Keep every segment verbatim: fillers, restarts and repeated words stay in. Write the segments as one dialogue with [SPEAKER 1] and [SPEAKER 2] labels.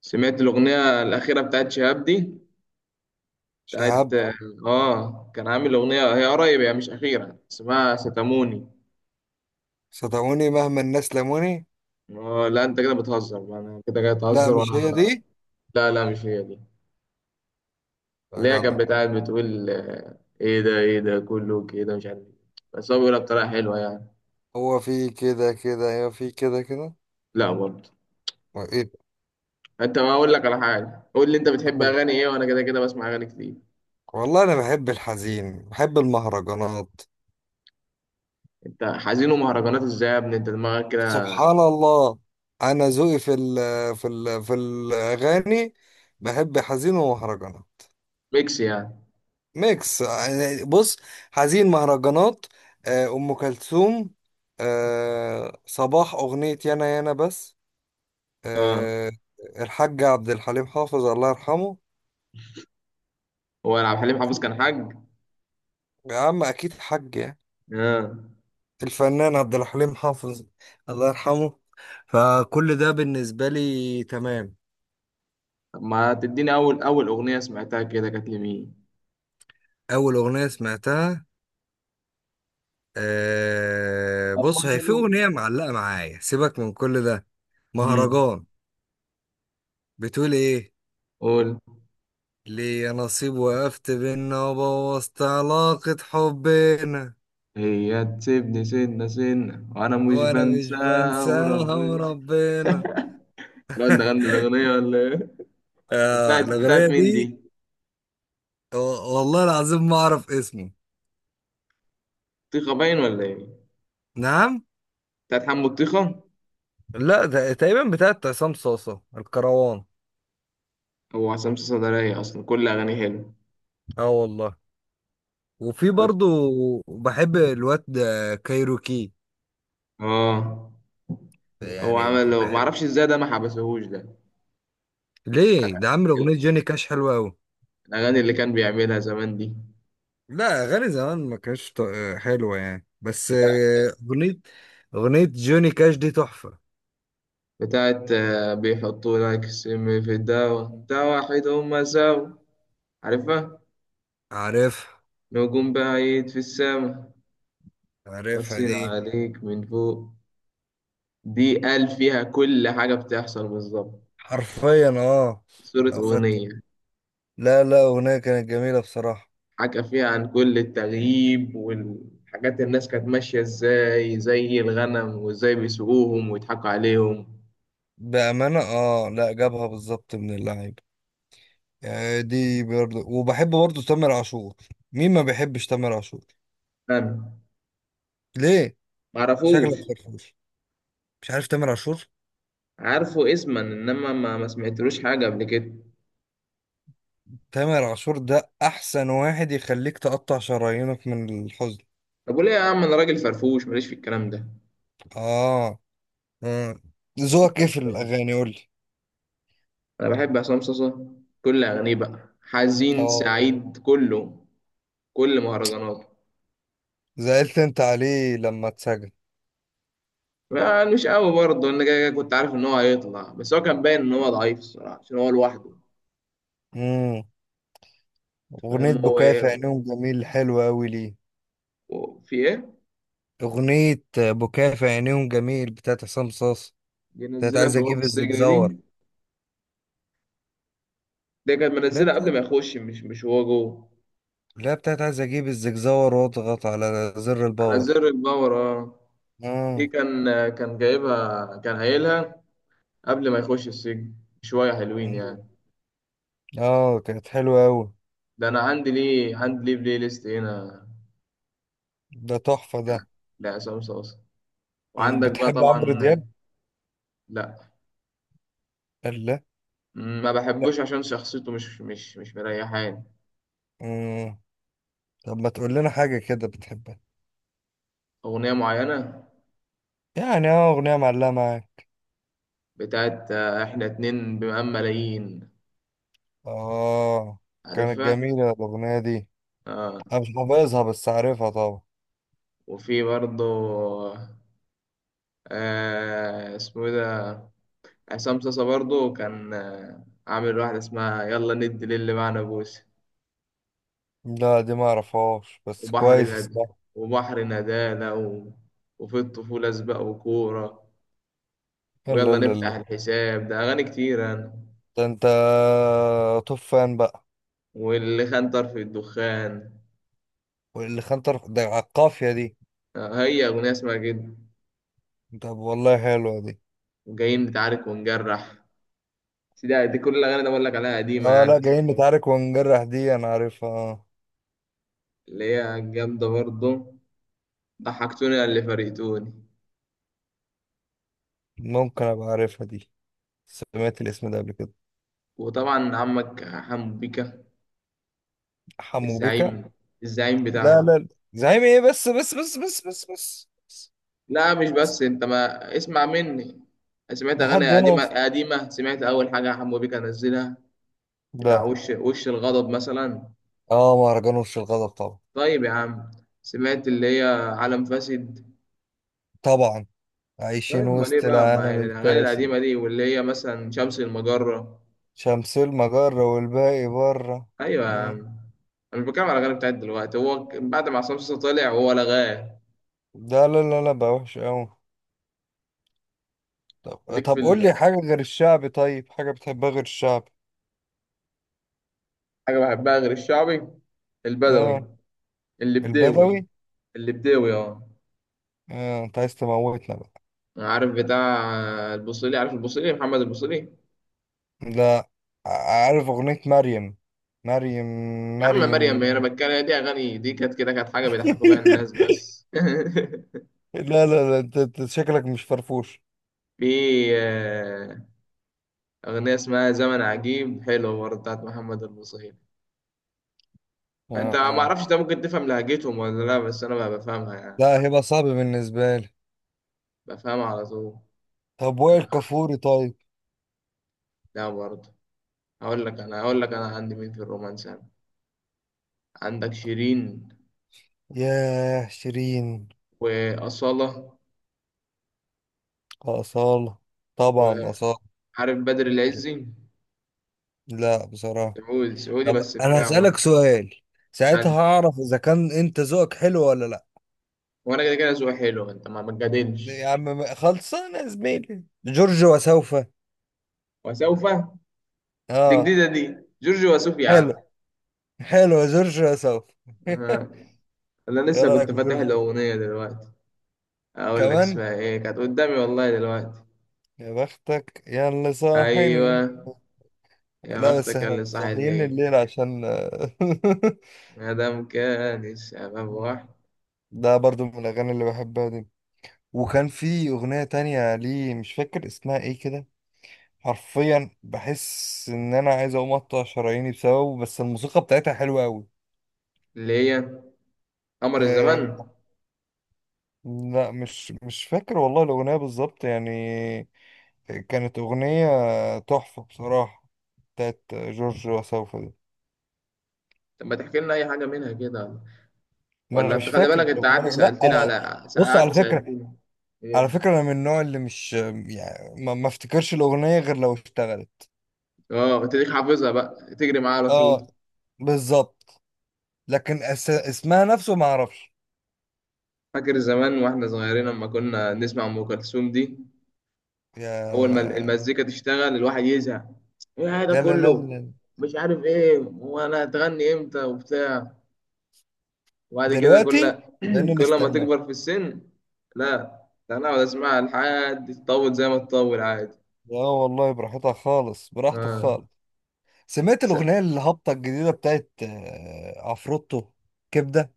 [SPEAKER 1] سمعت الأغنية الأخيرة بتاعت شهاب دي. بتاعت
[SPEAKER 2] شهاب.
[SPEAKER 1] اه آه، كان عامل أغنية، هي قريب، هي مش أخيرة، اسمها ستاموني.
[SPEAKER 2] صدقوني مهما الناس لموني.
[SPEAKER 1] آه، لا أنت كده بتهزر، أنا كده جاي
[SPEAKER 2] لا
[SPEAKER 1] أتهزر
[SPEAKER 2] مش
[SPEAKER 1] وأنا.
[SPEAKER 2] هي دي.
[SPEAKER 1] لا، لا، مش هي دي،
[SPEAKER 2] يا
[SPEAKER 1] اللي هي
[SPEAKER 2] جدع.
[SPEAKER 1] كانت بتاعت، بتقول آه، إيه ده إيه ده كله كده مش عارف إيه. بس هو بيقولها بطريقة حلوة يعني.
[SPEAKER 2] هو في كده كده هو في كده كده
[SPEAKER 1] لا برضه.
[SPEAKER 2] هو ايه ده؟
[SPEAKER 1] أنت، ما أقول لك على حاجة، قول لي أنت بتحب
[SPEAKER 2] قول.
[SPEAKER 1] أغاني إيه، وأنا كده كده بسمع أغاني كتير.
[SPEAKER 2] والله انا بحب الحزين بحب المهرجانات.
[SPEAKER 1] أنت حزين ومهرجانات إزاي يا ابني، أنت دماغك كده؟
[SPEAKER 2] سبحان الله. انا ذوقي في ال في ال في الاغاني بحب حزين ومهرجانات.
[SPEAKER 1] ميكس يعني.
[SPEAKER 2] ميكس يعني بص. حزين مهرجانات. آه، ام كلثوم. آه، صباح اغنية يانا يانا بس.
[SPEAKER 1] آه.
[SPEAKER 2] آه، الحاج عبد الحليم حافظ الله يرحمه.
[SPEAKER 1] هو عبد الحليم حافظ كان حاج؟
[SPEAKER 2] يا عم اكيد حاج يعني.
[SPEAKER 1] آه.
[SPEAKER 2] الفنان عبد الحليم حافظ الله يرحمه. فكل ده بالنسبة لي تمام.
[SPEAKER 1] طب ما تديني اول اول اغنيه سمعتها كده كانت لمين.
[SPEAKER 2] اول اغنية سمعتها. أه
[SPEAKER 1] طب
[SPEAKER 2] بص
[SPEAKER 1] ما
[SPEAKER 2] هي
[SPEAKER 1] أنا
[SPEAKER 2] في
[SPEAKER 1] لو-
[SPEAKER 2] اغنية معلقة معايا سيبك من كل ده.
[SPEAKER 1] مم.
[SPEAKER 2] مهرجان. بتقول ايه؟
[SPEAKER 1] قول.
[SPEAKER 2] ليا نصيب وقفت بينا وبوظت علاقة حبنا.
[SPEAKER 1] هي تسيبني سنة سنة وأنا مش
[SPEAKER 2] وانا مش
[SPEAKER 1] بنساها
[SPEAKER 2] بنساها
[SPEAKER 1] وربنا.
[SPEAKER 2] وربنا.
[SPEAKER 1] الواد ده غنى الأغنية ولا إيه؟
[SPEAKER 2] آه
[SPEAKER 1] بتاعت بتاعت
[SPEAKER 2] الأغنية
[SPEAKER 1] مين
[SPEAKER 2] دي.
[SPEAKER 1] دي؟
[SPEAKER 2] و- والله العظيم ما اعرف اسمه.
[SPEAKER 1] طيخة باين ولا إيه؟
[SPEAKER 2] نعم.
[SPEAKER 1] بتاعت حمو الطيخة؟
[SPEAKER 2] لا ده تقريبا بتاعت عصام صاصة الكروان.
[SPEAKER 1] هو عصام صدرية أصلا كل أغانيه حلوة.
[SPEAKER 2] اه والله. وفي
[SPEAKER 1] عارف؟
[SPEAKER 2] برضو بحب الواد ده كايروكي.
[SPEAKER 1] آه. هو
[SPEAKER 2] يعني
[SPEAKER 1] عمل
[SPEAKER 2] بحب.
[SPEAKER 1] معرفش إزاي ده، ما حبسهوش ده؟
[SPEAKER 2] ليه ده عامل اغنية جوني كاش حلوة قوي.
[SPEAKER 1] الأغاني اللي كان بيعملها زمان دي.
[SPEAKER 2] لا اغاني زمان ما كانتش ط- حلوة يعني بس
[SPEAKER 1] بتاعت
[SPEAKER 2] آه، اغنية اغنية جوني كاش دي تحفة.
[SPEAKER 1] بتاعت آه، بيحطوا لك سم في الدواء بتاع واحد هما سوا. عارفها.
[SPEAKER 2] عارفها.
[SPEAKER 1] نجوم بعيد في السما.
[SPEAKER 2] عارفها
[SPEAKER 1] باصين
[SPEAKER 2] دي.
[SPEAKER 1] عليك من فوق. دي قال فيها كل حاجة بتحصل بالظبط.
[SPEAKER 2] حرفيا اه.
[SPEAKER 1] صورة
[SPEAKER 2] لو خدت.
[SPEAKER 1] أغنية.
[SPEAKER 2] لا لا اغنية كانت جميلة بصراحة.
[SPEAKER 1] حكى فيها عن كل التغييب والحاجات، الناس كانت ماشية ازاي زي الغنم، وازاي بيسوقوهم ويضحكوا عليهم.
[SPEAKER 2] بأمانة اه لا جابها بالظبط من اللعيبة. يعني دي برضه وبحب برضه تامر عاشور. مين ما بيحبش تامر عاشور؟
[SPEAKER 1] أنا.
[SPEAKER 2] ليه؟ شكلك
[SPEAKER 1] معرفوش.
[SPEAKER 2] فرفوش. مش عارف تامر عاشور.
[SPEAKER 1] عارفه اسما، إنما ما ما سمعتلوش حاجة قبل كده.
[SPEAKER 2] تامر عاشور ده احسن واحد يخليك تقطع شرايينك من الحزن.
[SPEAKER 1] طب وليه يا عم، أنا راجل فرفوش ماليش في الكلام ده.
[SPEAKER 2] اه آه. ذوقك ايه في
[SPEAKER 1] طيب.
[SPEAKER 2] الاغاني؟ قول لي.
[SPEAKER 1] انا بحب عصام صاصا، كل اغانيه بقى حزين
[SPEAKER 2] اه.
[SPEAKER 1] سعيد كله. كل مهرجاناته.
[SPEAKER 2] زعلت انت عليه لما اتسجن.
[SPEAKER 1] ما- مش قوي برضه، انا كده كده كنت عارف ان هو هيطلع، بس هو كان باين ان هو ضعيف الصراحه، عشان هو لوحده. أنت
[SPEAKER 2] امم اغنية
[SPEAKER 1] فاهم هو
[SPEAKER 2] بكاء في
[SPEAKER 1] ايه؟
[SPEAKER 2] عينيهم جميل حلوة اوي ليه.
[SPEAKER 1] هو في ايه؟
[SPEAKER 2] اغنية بكاء في عينيهم جميل بتاعت عصام صاصا.
[SPEAKER 1] دي
[SPEAKER 2] بتاعت
[SPEAKER 1] نزلها
[SPEAKER 2] عايز
[SPEAKER 1] في وقت
[SPEAKER 2] اجيب
[SPEAKER 1] السجن دي.
[SPEAKER 2] الزجزور.
[SPEAKER 1] دي كانت
[SPEAKER 2] لا
[SPEAKER 1] منزلها قبل
[SPEAKER 2] بتاعت.
[SPEAKER 1] ما يخش، مش مش هو جوه.
[SPEAKER 2] لا بتاعت عايز اجيب الزجزور واضغط على زر
[SPEAKER 1] على
[SPEAKER 2] الباور.
[SPEAKER 1] زر الباور اه. دي
[SPEAKER 2] اه.
[SPEAKER 1] كان كان جايبها، كان قايلها قبل ما يخش السجن. شويه حلوين
[SPEAKER 2] مم.
[SPEAKER 1] يعني.
[SPEAKER 2] اه كانت حلوة اوي.
[SPEAKER 1] ده انا عندي ليه، عندي ليه بلاي ليست هنا
[SPEAKER 2] ده تحفة ده.
[SPEAKER 1] لعصام صاصا.
[SPEAKER 2] مم.
[SPEAKER 1] وعندك بقى
[SPEAKER 2] بتحب
[SPEAKER 1] طبعا.
[SPEAKER 2] عمرو دياب؟
[SPEAKER 1] لا،
[SPEAKER 2] قال لا.
[SPEAKER 1] ما
[SPEAKER 2] لا.
[SPEAKER 1] بحبوش عشان شخصيته مش مش مش مريحاني.
[SPEAKER 2] مم. طب ما تقول لنا حاجة كده بتحبها.
[SPEAKER 1] أغنية معينة.
[SPEAKER 2] يعني اه اغنية معلقة معاك.
[SPEAKER 1] بتاعت آه، إحنا اتنين بمقام ملايين.
[SPEAKER 2] اه كانت
[SPEAKER 1] عارفها؟
[SPEAKER 2] جميلة الاغنية دي.
[SPEAKER 1] آه.
[SPEAKER 2] انا مش حافظها بس عارفها طبعا.
[SPEAKER 1] وفي برضه آه، اسمه إيه ده. عصام صاصا برضه كان آه عامل واحدة اسمها يلا ندي للي معنا بوسة.
[SPEAKER 2] لا دي ما اعرفهاش بس
[SPEAKER 1] وبحر
[SPEAKER 2] كويس
[SPEAKER 1] ند...
[SPEAKER 2] اسمها.
[SPEAKER 1] وبحر ندالة و... وفي الطفولة سباق وكورة.
[SPEAKER 2] لا
[SPEAKER 1] ويلا
[SPEAKER 2] لا
[SPEAKER 1] نفتح
[SPEAKER 2] لا.
[SPEAKER 1] الحساب، ده أغاني كتير أنا.
[SPEAKER 2] ده انت. طوب فان بقى.
[SPEAKER 1] واللي خان طرف الدخان،
[SPEAKER 2] واللي خان طرف ده على القافية دي.
[SPEAKER 1] آه، هي أغنية اسمها كده.
[SPEAKER 2] طب والله حلوة دي.
[SPEAKER 1] جايين نتعارك ونجرح. بس دي, دي كل الأغاني اللي بقول لك عليها قديمة
[SPEAKER 2] اه
[SPEAKER 1] يعني
[SPEAKER 2] لا جايين
[SPEAKER 1] بسمعهم.
[SPEAKER 2] نتعارك ونجرح دي انا عارفها آه.
[SPEAKER 1] اللي هي جامدة برضه. ضحكتوني اللي فرقتوني.
[SPEAKER 2] ممكن ابقى عارفها دي. سمعت الاسم ده قبل كده.
[SPEAKER 1] وطبعا عمك حمو بيكا
[SPEAKER 2] حمو بيكا.
[SPEAKER 1] الزعيم، الزعيم
[SPEAKER 2] لا لا
[SPEAKER 1] بتاعهم.
[SPEAKER 2] لا. زعيم ايه بس بس بس بس بس بس بس،
[SPEAKER 1] لا، مش
[SPEAKER 2] بس.
[SPEAKER 1] بس، انت ما اسمع مني. سمعت
[SPEAKER 2] لحد
[SPEAKER 1] أغاني
[SPEAKER 2] هنا.
[SPEAKER 1] قديمة قديمة، سمعت أول حاجة حمو بيكا نزلها بتاع
[SPEAKER 2] لا.
[SPEAKER 1] وش وش الغضب مثلا.
[SPEAKER 2] اه مهرجان وش الغضب طبعا.
[SPEAKER 1] طيب يا عم. سمعت اللي هي عالم فاسد.
[SPEAKER 2] طبعا.
[SPEAKER 1] طيب
[SPEAKER 2] عايشين
[SPEAKER 1] امال ايه
[SPEAKER 2] وسط
[SPEAKER 1] بقى، ما
[SPEAKER 2] العالم
[SPEAKER 1] الاغاني
[SPEAKER 2] الفاسد.
[SPEAKER 1] القديمه دي، واللي هي مثلا شمس المجره.
[SPEAKER 2] شمس المجرة والباقي بره.
[SPEAKER 1] ايوه يا عم.
[SPEAKER 2] مم.
[SPEAKER 1] انا مش بتكلم على الاغاني بتاعت دلوقتي، هو ك- بعد ما عصام صاصا طلع هو لغاه.
[SPEAKER 2] ده لا لا لا بقى وحش قوي. طب
[SPEAKER 1] ليك في
[SPEAKER 2] طب
[SPEAKER 1] ال-
[SPEAKER 2] قول لي حاجة غير الشعبي طيب حاجة بتحبها غير الشعب.
[SPEAKER 1] حاجه بحبها غير الشعبي،
[SPEAKER 2] اه.
[SPEAKER 1] البدوي. اللبداوي،
[SPEAKER 2] البدوي.
[SPEAKER 1] اللبداوي اه.
[SPEAKER 2] اه انت عايز تموتنا بقى.
[SPEAKER 1] عارف بتاع البوصيلي، عارف البوصيلي محمد البوصيلي.
[SPEAKER 2] لا. ع- عارف اغنية مريم. مريم.
[SPEAKER 1] يا عم مريم،
[SPEAKER 2] مريم.
[SPEAKER 1] انا بتكلم دي، اغاني دي كانت كده، كانت حاجه بيضحكوا بيها الناس بس.
[SPEAKER 2] لا لا لا انت أنت شكلك مش فرفوش.
[SPEAKER 1] في آه، اغنيه اسمها زمن عجيب، حلوه برضه، بتاعت محمد البوصيلي.
[SPEAKER 2] آه.
[SPEAKER 1] انت ما
[SPEAKER 2] اه.
[SPEAKER 1] اعرفش، ده ممكن تفهم لهجتهم ولا لا، بس انا بقى بفهمها يعني.
[SPEAKER 2] لا هيبقى صعب بالنسبة لي.
[SPEAKER 1] بفهمها على طول.
[SPEAKER 2] طب وائل
[SPEAKER 1] انا.
[SPEAKER 2] كفوري طيب.
[SPEAKER 1] لا برضه. هقول لك انا هقول لك انا عندي مين في الرومانس انا. عندك شيرين،
[SPEAKER 2] ياه شيرين.
[SPEAKER 1] وأصالة.
[SPEAKER 2] أصالة. طبعا
[SPEAKER 1] وعارف
[SPEAKER 2] أصالة.
[SPEAKER 1] بدر العزي،
[SPEAKER 2] لا بصراحة.
[SPEAKER 1] سعودي سعودي
[SPEAKER 2] طب
[SPEAKER 1] بس
[SPEAKER 2] أنا
[SPEAKER 1] بتاع
[SPEAKER 2] هسألك
[SPEAKER 1] برضه.
[SPEAKER 2] سؤال. ساعتها
[SPEAKER 1] يعني.
[SPEAKER 2] هعرف إذا كان أنت ذوقك حلو ولا لا.
[SPEAKER 1] وانا كده كده ذوقي حلو، انت ما بتجادلش.
[SPEAKER 2] يا عم خلصانة يا زميلي جورج وسوف.
[SPEAKER 1] وسوف. دي
[SPEAKER 2] اه.
[SPEAKER 1] جديدة دي، جورج وسوف يا عم.
[SPEAKER 2] حلو. حلو جورج وسوف.
[SPEAKER 1] آه، انا
[SPEAKER 2] ايه
[SPEAKER 1] لسه
[SPEAKER 2] رايك
[SPEAKER 1] كنت
[SPEAKER 2] في
[SPEAKER 1] فاتح
[SPEAKER 2] جورج
[SPEAKER 1] له
[SPEAKER 2] وسوف؟
[SPEAKER 1] اغنية دلوقتي. اقول لك
[SPEAKER 2] كمان.
[SPEAKER 1] اسمها ايه، كانت قدامي والله دلوقتي.
[SPEAKER 2] يا بختك يا اللي صاحي
[SPEAKER 1] ايوه.
[SPEAKER 2] الليل.
[SPEAKER 1] يا
[SPEAKER 2] لا بس
[SPEAKER 1] بختك
[SPEAKER 2] احنا
[SPEAKER 1] اللي صاحي
[SPEAKER 2] صاحيين
[SPEAKER 1] الليل.
[SPEAKER 2] الليل عشان.
[SPEAKER 1] ما دام كان الشباب واحد.
[SPEAKER 2] ده برضو من الاغاني اللي بحبها دي. وكان في اغنيه تانية ليه مش فاكر اسمها ايه كده. حرفيا بحس ان انا عايز اقوم اقطع شراييني بسببه بس الموسيقى بتاعتها حلوه قوي.
[SPEAKER 1] اللي هي قمر
[SPEAKER 2] آه.
[SPEAKER 1] الزمان.
[SPEAKER 2] لا مش مش فاكر والله الاغنيه بالظبط يعني. كانت أغنية تحفة بصراحة بتاعت جورج وسوف دي.
[SPEAKER 1] طب ما تحكي لنا اي حاجه منها كده.
[SPEAKER 2] ما أنا
[SPEAKER 1] ولا
[SPEAKER 2] مش
[SPEAKER 1] انت خلي
[SPEAKER 2] فاكر
[SPEAKER 1] بالك، انت قعدت
[SPEAKER 2] الأغنية لا
[SPEAKER 1] سالتني
[SPEAKER 2] أنا.
[SPEAKER 1] على.
[SPEAKER 2] بص على
[SPEAKER 1] قعدت
[SPEAKER 2] فكرة.
[SPEAKER 1] سالتني
[SPEAKER 2] على
[SPEAKER 1] ايه.
[SPEAKER 2] فكرة أنا من النوع اللي مش يعني ما ما افتكرش الأغنية غير لو اشتغلت.
[SPEAKER 1] اه تديك حافظها بقى تجري معاها على طول.
[SPEAKER 2] اه بالظبط. لكن أس... اسمها نفسه ما أعرفش.
[SPEAKER 1] فاكر زمان واحنا صغيرين لما كنا نسمع ام كلثوم دي،
[SPEAKER 2] يا.
[SPEAKER 1] اول ما المزيكا تشتغل الواحد يزهق، ايه هذا
[SPEAKER 2] لا لا لا
[SPEAKER 1] كله،
[SPEAKER 2] لا.
[SPEAKER 1] مش عارف ايه، وانا هتغني امتى وبتاع. وبعد كده
[SPEAKER 2] دلوقتي
[SPEAKER 1] كل
[SPEAKER 2] بقينا
[SPEAKER 1] كل ما
[SPEAKER 2] نستناه.
[SPEAKER 1] تكبر في السن. لا، لا، انا اقعد اسمعها، لحد تطول زي ما تطول عادي.
[SPEAKER 2] لا والله براحتها خالص براحتك
[SPEAKER 1] اه.
[SPEAKER 2] خالص. سمعت
[SPEAKER 1] س-
[SPEAKER 2] الأغنية الهابطة الجديدة بتاعت آه، عفروتو كبدة.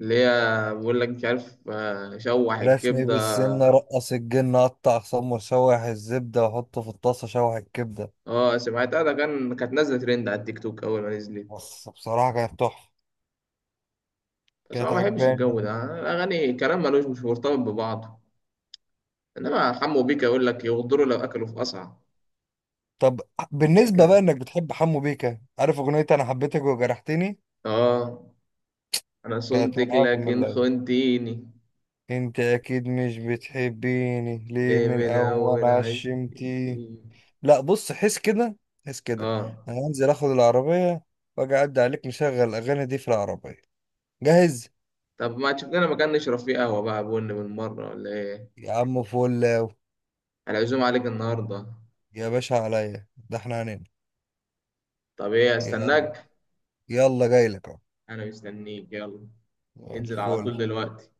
[SPEAKER 1] اللي هي بقول لك مش عارف آه، شوح
[SPEAKER 2] رشني
[SPEAKER 1] الكبده.
[SPEAKER 2] بالسنة رقص الجن قطع سمر شوح الزبدة وحطه في الطاسة شوح الكبدة.
[SPEAKER 1] اه سمعتها، ده كان كانت نازله ترند على التيك توك اول ما نزلت.
[SPEAKER 2] بس بصراحة كانت تحفة.
[SPEAKER 1] بس انا
[SPEAKER 2] كانت
[SPEAKER 1] ما بحبش الجو
[SPEAKER 2] عجباني.
[SPEAKER 1] ده، أنا الاغاني كلام ملوش مش مرتبط ببعضه. انما حمو بيكا يقول لك يغدروا لو اكلوا في قصعه.
[SPEAKER 2] طب بالنسبة بقى
[SPEAKER 1] حكم.
[SPEAKER 2] انك بتحب حمو بيكا عارف اغنية انا حبيتك وجرحتني.
[SPEAKER 1] اه انا
[SPEAKER 2] كانت
[SPEAKER 1] صنتك
[SPEAKER 2] من اعظم من
[SPEAKER 1] لكن
[SPEAKER 2] الاول.
[SPEAKER 1] خنتيني.
[SPEAKER 2] انت اكيد مش بتحبيني ليه
[SPEAKER 1] ليه
[SPEAKER 2] من
[SPEAKER 1] من
[SPEAKER 2] اول
[SPEAKER 1] الاول عايش.
[SPEAKER 2] عشمتي. لا بص حس كده. حس كده.
[SPEAKER 1] اه.
[SPEAKER 2] انا هنزل اخد العربية. واجي اعدي عليك مشغل الاغاني دي في العربية. جاهز.
[SPEAKER 1] طب ما تشوف لنا مكان نشرب فيه قهوة بقى بن من مرة ولا إيه؟
[SPEAKER 2] يا عم فول.
[SPEAKER 1] أنا عزوم عليك النهاردة،
[SPEAKER 2] يا باشا عليا ده احنا هننام.
[SPEAKER 1] طب إيه
[SPEAKER 2] يلا.
[SPEAKER 1] أستناك؟
[SPEAKER 2] يلا جاي لك اهو.
[SPEAKER 1] أنا مستنيك يلا.
[SPEAKER 2] يلا
[SPEAKER 1] انزل على طول
[SPEAKER 2] فول.
[SPEAKER 1] دلوقتي.